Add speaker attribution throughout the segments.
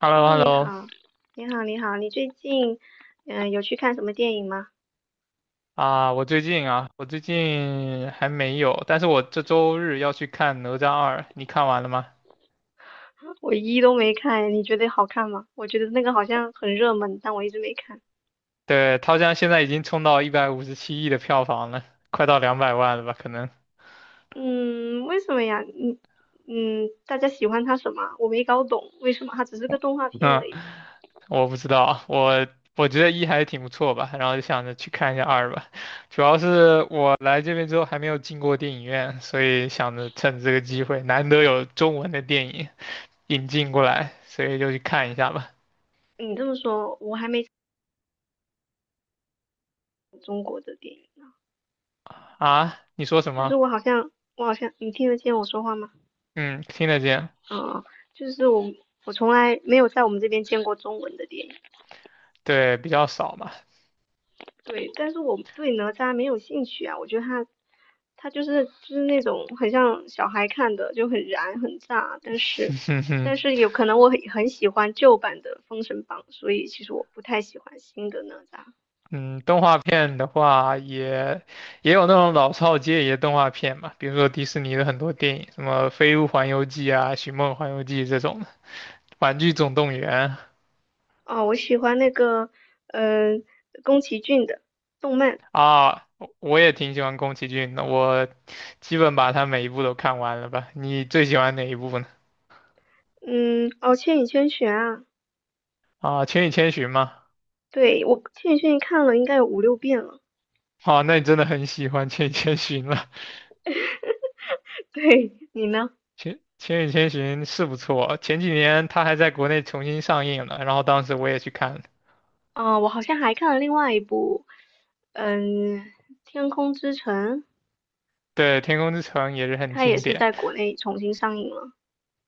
Speaker 1: h e l l o h
Speaker 2: Hello，
Speaker 1: e l l
Speaker 2: 你
Speaker 1: o
Speaker 2: 好，你最近有去看什么电影吗？
Speaker 1: 啊，我最近还没有，但是我这周日要去看《哪吒二》，你看完了吗？
Speaker 2: 我一都没看，你觉得好看吗？我觉得那个好像很热门，但我一直没看。
Speaker 1: 对，它好像现在已经冲到157亿的票房了，快到200万了吧？可能，
Speaker 2: 嗯，为什么呀？嗯嗯，大家喜欢它什么？我没搞懂，为什么它只是个动画片
Speaker 1: 嗯，
Speaker 2: 而已？
Speaker 1: 我不知道，我觉得一还挺不错吧，然后就想着去看一下二吧。主要是我来这边之后还没有进过电影院，所以想着趁这个机会，难得有中文的电影引进过来，所以就去看一下吧。
Speaker 2: 你这么说，我还没看过中国的电影呢，
Speaker 1: 啊，你说什
Speaker 2: 就是
Speaker 1: 么？
Speaker 2: 我好像你听得见我说话吗？
Speaker 1: 嗯，听得见，
Speaker 2: 嗯，就是我从来没有在我们这边见过中文的电影。
Speaker 1: 对，比较少嘛。
Speaker 2: 对，但是我对哪吒没有兴趣啊，我觉得他就是那种很像小孩看的，就很燃很炸，但是 有可能我很喜欢旧版的《封神榜》，所以其实我不太喜欢新的哪吒。
Speaker 1: 嗯，动画片的话也有那种老少皆宜的动画片嘛，比如说迪士尼的很多电影，什么《飞屋环游记》啊，《寻梦环游记》这种的，《玩具总动员》
Speaker 2: 啊，我喜欢那个嗯、宫崎骏的动漫。
Speaker 1: 啊，我也挺喜欢宫崎骏的，我基本把他每一部都看完了吧。你最喜欢哪一部呢？
Speaker 2: 嗯，哦，《千与千寻》啊，
Speaker 1: 啊，《千与千寻》吗？
Speaker 2: 对，我《千与千寻》看了应该有五六遍了，
Speaker 1: 哦，那你真的很喜欢《千与千寻》了。
Speaker 2: 对你呢？
Speaker 1: 千与千寻是不错，前几年它还在国内重新上映了，然后当时我也去看了。
Speaker 2: 啊，我好像还看了另外一部，嗯，《天空之城》。
Speaker 1: 对，《天空之城》也是很
Speaker 2: 他也
Speaker 1: 经
Speaker 2: 是
Speaker 1: 典。
Speaker 2: 在国内重新上映了。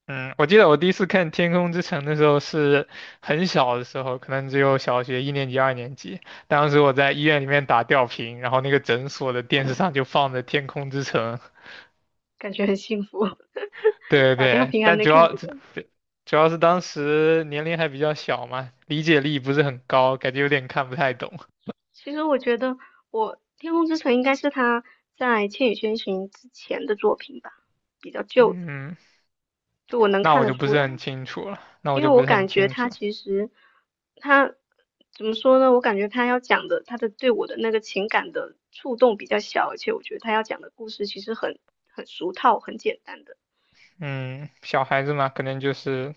Speaker 1: 嗯，我记得我第一次看《天空之城》的时候是很小的时候，可能只有小学一年级、二年级。当时我在医院里面打吊瓶，然后那个诊所的电视上就放着《天空之城》。
Speaker 2: 感觉很幸福，
Speaker 1: 对对
Speaker 2: 打吊
Speaker 1: 对，
Speaker 2: 瓶还
Speaker 1: 但
Speaker 2: 能
Speaker 1: 主
Speaker 2: 看
Speaker 1: 要
Speaker 2: 这个。
Speaker 1: 主要是当时年龄还比较小嘛，理解力不是很高，感觉有点看不太懂。
Speaker 2: 其实我觉得我《天空之城》应该是他在《千与千寻》之前的作品吧，比较旧的，
Speaker 1: 嗯，
Speaker 2: 就我能
Speaker 1: 那
Speaker 2: 看
Speaker 1: 我
Speaker 2: 得
Speaker 1: 就不
Speaker 2: 出
Speaker 1: 是
Speaker 2: 来。
Speaker 1: 很清楚了，那我
Speaker 2: 因为
Speaker 1: 就不
Speaker 2: 我
Speaker 1: 是很
Speaker 2: 感觉
Speaker 1: 清
Speaker 2: 他
Speaker 1: 楚。
Speaker 2: 其实他怎么说呢？我感觉他要讲的他的对我的那个情感的触动比较小，而且我觉得他要讲的故事其实很俗套、很简单的。
Speaker 1: 嗯，小孩子嘛，可能就是，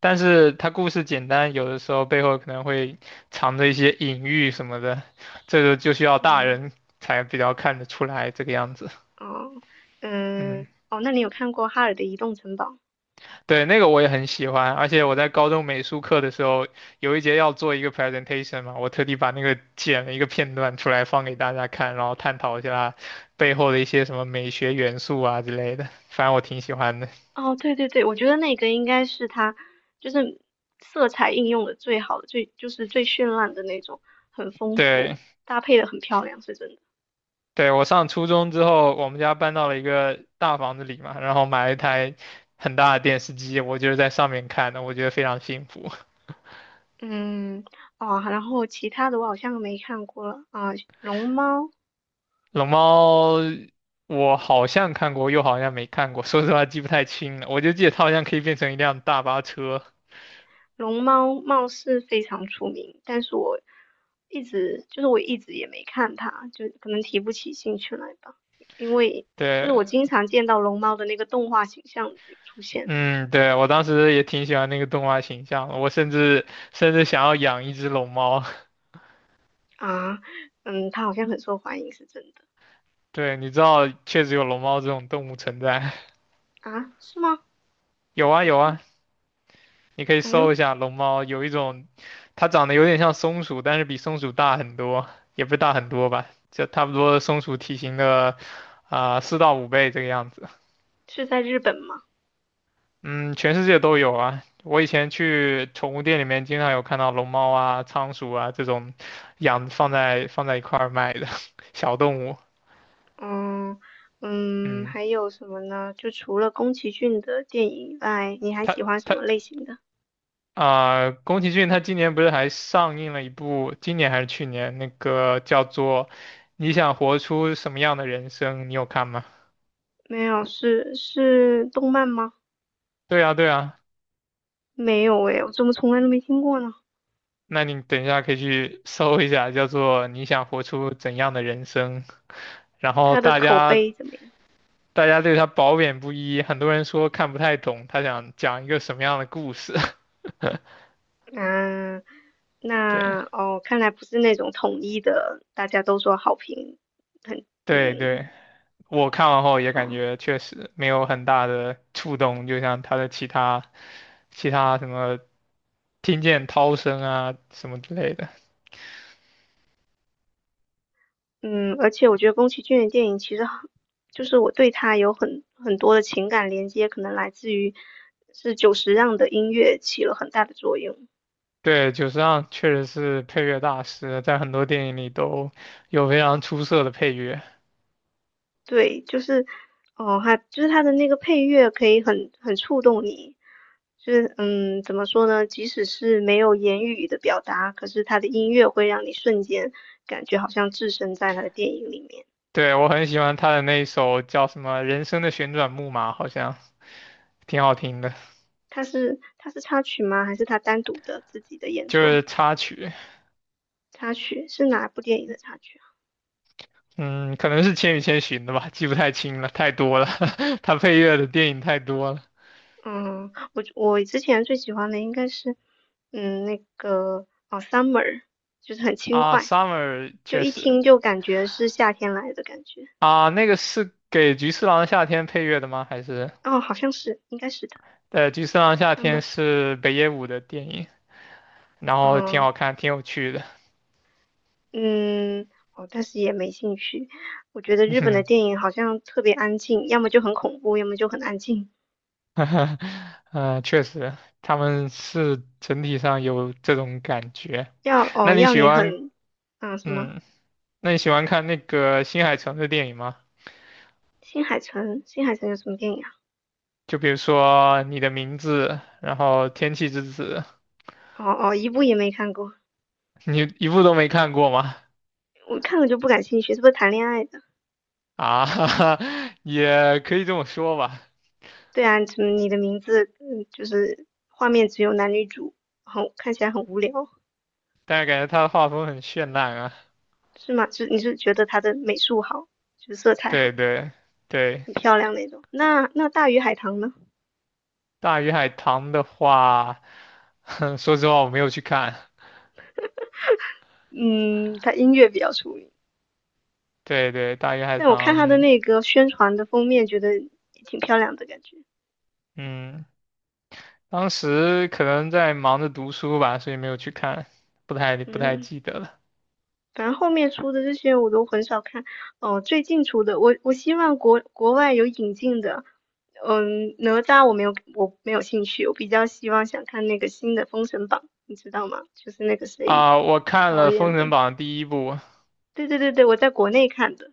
Speaker 1: 但是他故事简单，有的时候背后可能会藏着一些隐喻什么的，这个就需要大
Speaker 2: 对。
Speaker 1: 人才比较看得出来这个样子。
Speaker 2: 哦，
Speaker 1: 嗯，
Speaker 2: 嗯，哦，那你有看过《哈尔的移动城堡》吗？
Speaker 1: 对，那个我也很喜欢，而且我在高中美术课的时候，有一节要做一个 presentation 嘛，我特地把那个剪了一个片段出来放给大家看，然后探讨一下背后的一些什么美学元素啊之类的，反正我挺喜欢的。
Speaker 2: 哦，对对对，我觉得那个应该是他，就是色彩应用的最好的，最就是最绚烂的那种，很丰富，
Speaker 1: 对。
Speaker 2: 搭配的很漂亮，是真的。
Speaker 1: 对，我上初中之后，我们家搬到了一个大房子里嘛，然后买了一台很大的电视机，我就是在上面看的，我觉得非常幸福。
Speaker 2: 嗯，哦，然后其他的我好像没看过了啊，龙猫。
Speaker 1: 龙猫，我好像看过，又好像没看过，说实话记不太清了，我就记得它好像可以变成一辆大巴车。
Speaker 2: 龙猫貌似非常出名，但是我一直也没看它，就可能提不起兴趣来吧，因为就是我
Speaker 1: 对，
Speaker 2: 经常见到龙猫的那个动画形象有出现。
Speaker 1: 嗯，对，我当时也挺喜欢那个动画形象的，我甚至想要养一只龙猫。
Speaker 2: 啊，嗯，它好像很受欢迎，是真的。
Speaker 1: 对，你知道确实有龙猫这种动物存在，
Speaker 2: 啊，是吗？
Speaker 1: 有啊
Speaker 2: 好像，
Speaker 1: 有啊。你可以
Speaker 2: 哎，
Speaker 1: 搜一下龙猫，有一种它长得有点像松鼠，但是比松鼠大很多，也不是大很多吧，就差不多松鼠体型的4到5倍这个样子。
Speaker 2: 是在日本吗？
Speaker 1: 嗯，全世界都有啊。我以前去宠物店里面，经常有看到龙猫啊、仓鼠啊这种养放在一块儿卖的 小动物。
Speaker 2: 嗯嗯，
Speaker 1: 嗯，
Speaker 2: 还有什么呢？就除了宫崎骏的电影以外，你还
Speaker 1: 它
Speaker 2: 喜欢什
Speaker 1: 它
Speaker 2: 么类型的？
Speaker 1: 啊、宫崎骏他今年不是还上映了一部，今年还是去年那个叫做《你想活出什么样的人生》，你有看吗？
Speaker 2: 没有，是动漫吗？
Speaker 1: 对啊，对啊，
Speaker 2: 没有诶，我怎么从来都没听过呢？
Speaker 1: 那你等一下可以去搜一下，叫做《你想活出怎样的人生》，然后
Speaker 2: 它的
Speaker 1: 大
Speaker 2: 口
Speaker 1: 家
Speaker 2: 碑怎么样？
Speaker 1: 大家对他褒贬不一，很多人说看不太懂他想讲一个什么样的故事。
Speaker 2: 啊，那
Speaker 1: 对
Speaker 2: 哦，看来不是那种统一的，大家都说好评很。
Speaker 1: 对
Speaker 2: 嗯，
Speaker 1: 对，我看完后也感
Speaker 2: 好。
Speaker 1: 觉确实没有很大的触动，就像他的其他什么。听见涛声啊什么之类的。
Speaker 2: 嗯，而且我觉得宫崎骏的电影其实很，就是我对他有很多的情感连接，可能来自于是久石让的音乐起了很大的作用。
Speaker 1: 对，久石让确实是配乐大师，在很多电影里都有非常出色的配乐。
Speaker 2: 对，就是哦，他就是他的那个配乐可以很触动你，就是嗯，怎么说呢？即使是没有言语的表达，可是他的音乐会让你瞬间感觉好像置身在他的电影里面。
Speaker 1: 对，我很喜欢他的那一首叫什么《人生的旋转木马》，好像挺好听的，
Speaker 2: 他是插曲吗？还是他单独的自己的演
Speaker 1: 就
Speaker 2: 奏？
Speaker 1: 是插曲。
Speaker 2: 插曲是哪部电影的插曲？
Speaker 1: 嗯，可能是《千与千寻》的吧，记不太清了，太多了。他配乐的电影太多了
Speaker 2: 嗯，我之前最喜欢的应该是，嗯，那个哦，summer，就是很轻
Speaker 1: 啊
Speaker 2: 快，
Speaker 1: ，Summer
Speaker 2: 就
Speaker 1: 确
Speaker 2: 一
Speaker 1: 实
Speaker 2: 听就感觉是夏天来的感觉。
Speaker 1: 啊，那个是给《菊次郎的夏天》配乐的吗？还是
Speaker 2: 哦，好像是，应该是的
Speaker 1: 对，《菊次郎夏天》
Speaker 2: ，summer。
Speaker 1: 是北野武的电影。然后挺
Speaker 2: 嗯
Speaker 1: 好看，挺有趣的。
Speaker 2: 嗯，哦，但是也没兴趣。我觉得日 本的
Speaker 1: 嗯，
Speaker 2: 电影好像特别安静，要么就很恐怖，要么就很安静。
Speaker 1: 确实，他们是整体上有这种感觉。
Speaker 2: 要
Speaker 1: 那
Speaker 2: 哦
Speaker 1: 你
Speaker 2: 要
Speaker 1: 喜
Speaker 2: 你
Speaker 1: 欢，
Speaker 2: 很。嗯什么？
Speaker 1: 嗯，那你喜欢看那个新海诚的电影吗？
Speaker 2: 新海诚，新海诚有什么电影啊？
Speaker 1: 就比如说《你的名字》，然后《天气之子》，
Speaker 2: 哦哦，一部也没看过。
Speaker 1: 你一部都没看过吗？
Speaker 2: 我看了就不感兴趣，是不是谈恋爱的？
Speaker 1: 啊，也可以这么说吧，
Speaker 2: 对啊，怎么你的名字，嗯，就是画面只有男女主，很看起来很无聊。
Speaker 1: 但是感觉他的画风很绚烂啊。
Speaker 2: 是吗？是你是觉得他的美术好，就是色彩好，
Speaker 1: 对对对，
Speaker 2: 很漂亮那种。那那大鱼海棠呢？
Speaker 1: 《大鱼海棠》的话，说实话我没有去看。
Speaker 2: 嗯，它音乐比较出名，
Speaker 1: 对对，大鱼海
Speaker 2: 但我看它的
Speaker 1: 棠，
Speaker 2: 那个宣传的封面，觉得也挺漂亮的感觉。
Speaker 1: 嗯，当时可能在忙着读书吧，所以没有去看，不太
Speaker 2: 嗯，
Speaker 1: 记得了。
Speaker 2: 反正后面出的这些我都很少看。哦，最近出的，我希望国外有引进的。嗯，哪吒我没有，我没有兴趣，我比较希望想看那个新的《封神榜》，你知道吗？就是那个谁
Speaker 1: 啊、我看
Speaker 2: 导
Speaker 1: 了《封
Speaker 2: 演
Speaker 1: 神
Speaker 2: 的。
Speaker 1: 榜》第一部，
Speaker 2: 对对对对，我在国内看的。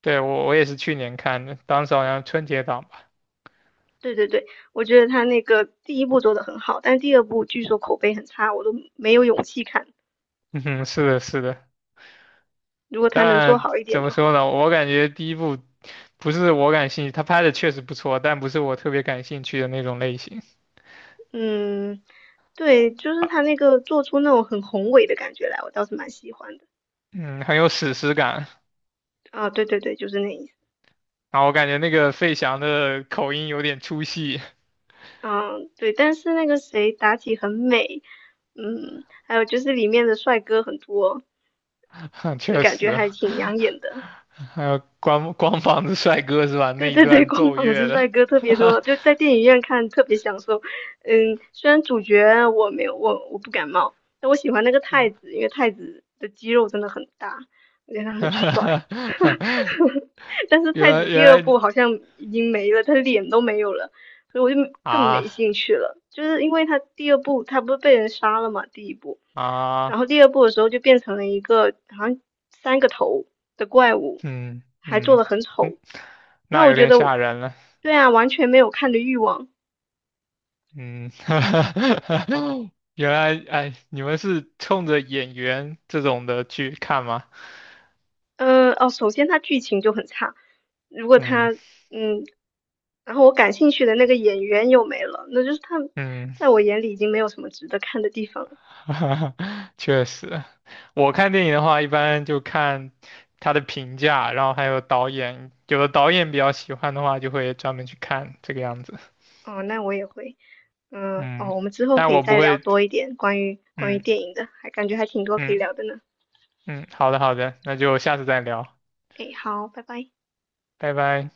Speaker 1: 对，我也是去年看的，当时好像春节档吧。
Speaker 2: 对对对，我觉得他那个第一部做的很好，但第二部据说口碑很差，我都没有勇气看。
Speaker 1: 嗯哼，是的，是的。
Speaker 2: 如果他能做
Speaker 1: 但
Speaker 2: 好一点
Speaker 1: 怎么
Speaker 2: 就好。
Speaker 1: 说呢，我感觉第一部不是我感兴趣，他拍的确实不错，但不是我特别感兴趣的那种类型。
Speaker 2: 嗯，对，就是他那个做出那种很宏伟的感觉来，我倒是蛮喜欢的。
Speaker 1: 嗯，很有史诗感。
Speaker 2: 啊，对对对，就是那意思。
Speaker 1: 然后我感觉那个费翔的口音有点出戏，
Speaker 2: 嗯，对，但是那个谁妲己很美，嗯，还有就是里面的帅哥很多，就
Speaker 1: 确
Speaker 2: 感觉
Speaker 1: 实
Speaker 2: 还
Speaker 1: 啊。
Speaker 2: 挺养眼的。
Speaker 1: 还有光 光膀子帅哥是吧？
Speaker 2: 对
Speaker 1: 那一
Speaker 2: 对对，
Speaker 1: 段
Speaker 2: 光
Speaker 1: 奏
Speaker 2: 膀
Speaker 1: 乐
Speaker 2: 子
Speaker 1: 的，
Speaker 2: 帅哥特别多，就在电影院看特别享受。嗯，虽然主角我没有我不感冒，但我喜欢那个太
Speaker 1: 啊
Speaker 2: 子，因为太子的肌肉真的很大，而且他 很帅。但是
Speaker 1: 原
Speaker 2: 太
Speaker 1: 来
Speaker 2: 子
Speaker 1: 原
Speaker 2: 第二
Speaker 1: 来
Speaker 2: 部
Speaker 1: 你
Speaker 2: 好像已经没了，他脸都没有了，所以我就更没
Speaker 1: 啊
Speaker 2: 兴趣了。就是因为他第二部他不是被人杀了嘛，第一部，然
Speaker 1: 啊，
Speaker 2: 后第二部的时候就变成了一个好像三个头的怪物，
Speaker 1: 嗯
Speaker 2: 还做
Speaker 1: 嗯
Speaker 2: 的很
Speaker 1: 嗯，
Speaker 2: 丑。那
Speaker 1: 那
Speaker 2: 我
Speaker 1: 有
Speaker 2: 觉
Speaker 1: 点
Speaker 2: 得，
Speaker 1: 吓人了，
Speaker 2: 对啊，完全没有看的欲望。
Speaker 1: 嗯，原来哎，你们是冲着演员这种的去看吗？
Speaker 2: 哦，首先它剧情就很差，如果它
Speaker 1: 嗯
Speaker 2: 嗯，然后我感兴趣的那个演员又没了，那就是他
Speaker 1: 嗯。
Speaker 2: 在我眼里已经没有什么值得看的地方了。
Speaker 1: 哈哈，确实，我看电影的话，一般就看他的评价，然后还有导演，有的导演比较喜欢的话，就会专门去看这个样子。
Speaker 2: 哦，那我也会。嗯，
Speaker 1: 嗯，
Speaker 2: 哦，我们之后
Speaker 1: 但
Speaker 2: 可以
Speaker 1: 我不
Speaker 2: 再聊
Speaker 1: 会，
Speaker 2: 多一点关于关于电
Speaker 1: 嗯
Speaker 2: 影的，还感觉还挺多可以
Speaker 1: 嗯
Speaker 2: 聊的呢。
Speaker 1: 嗯，好的好的，那就下次再聊，
Speaker 2: 诶，好，拜拜。
Speaker 1: 拜拜。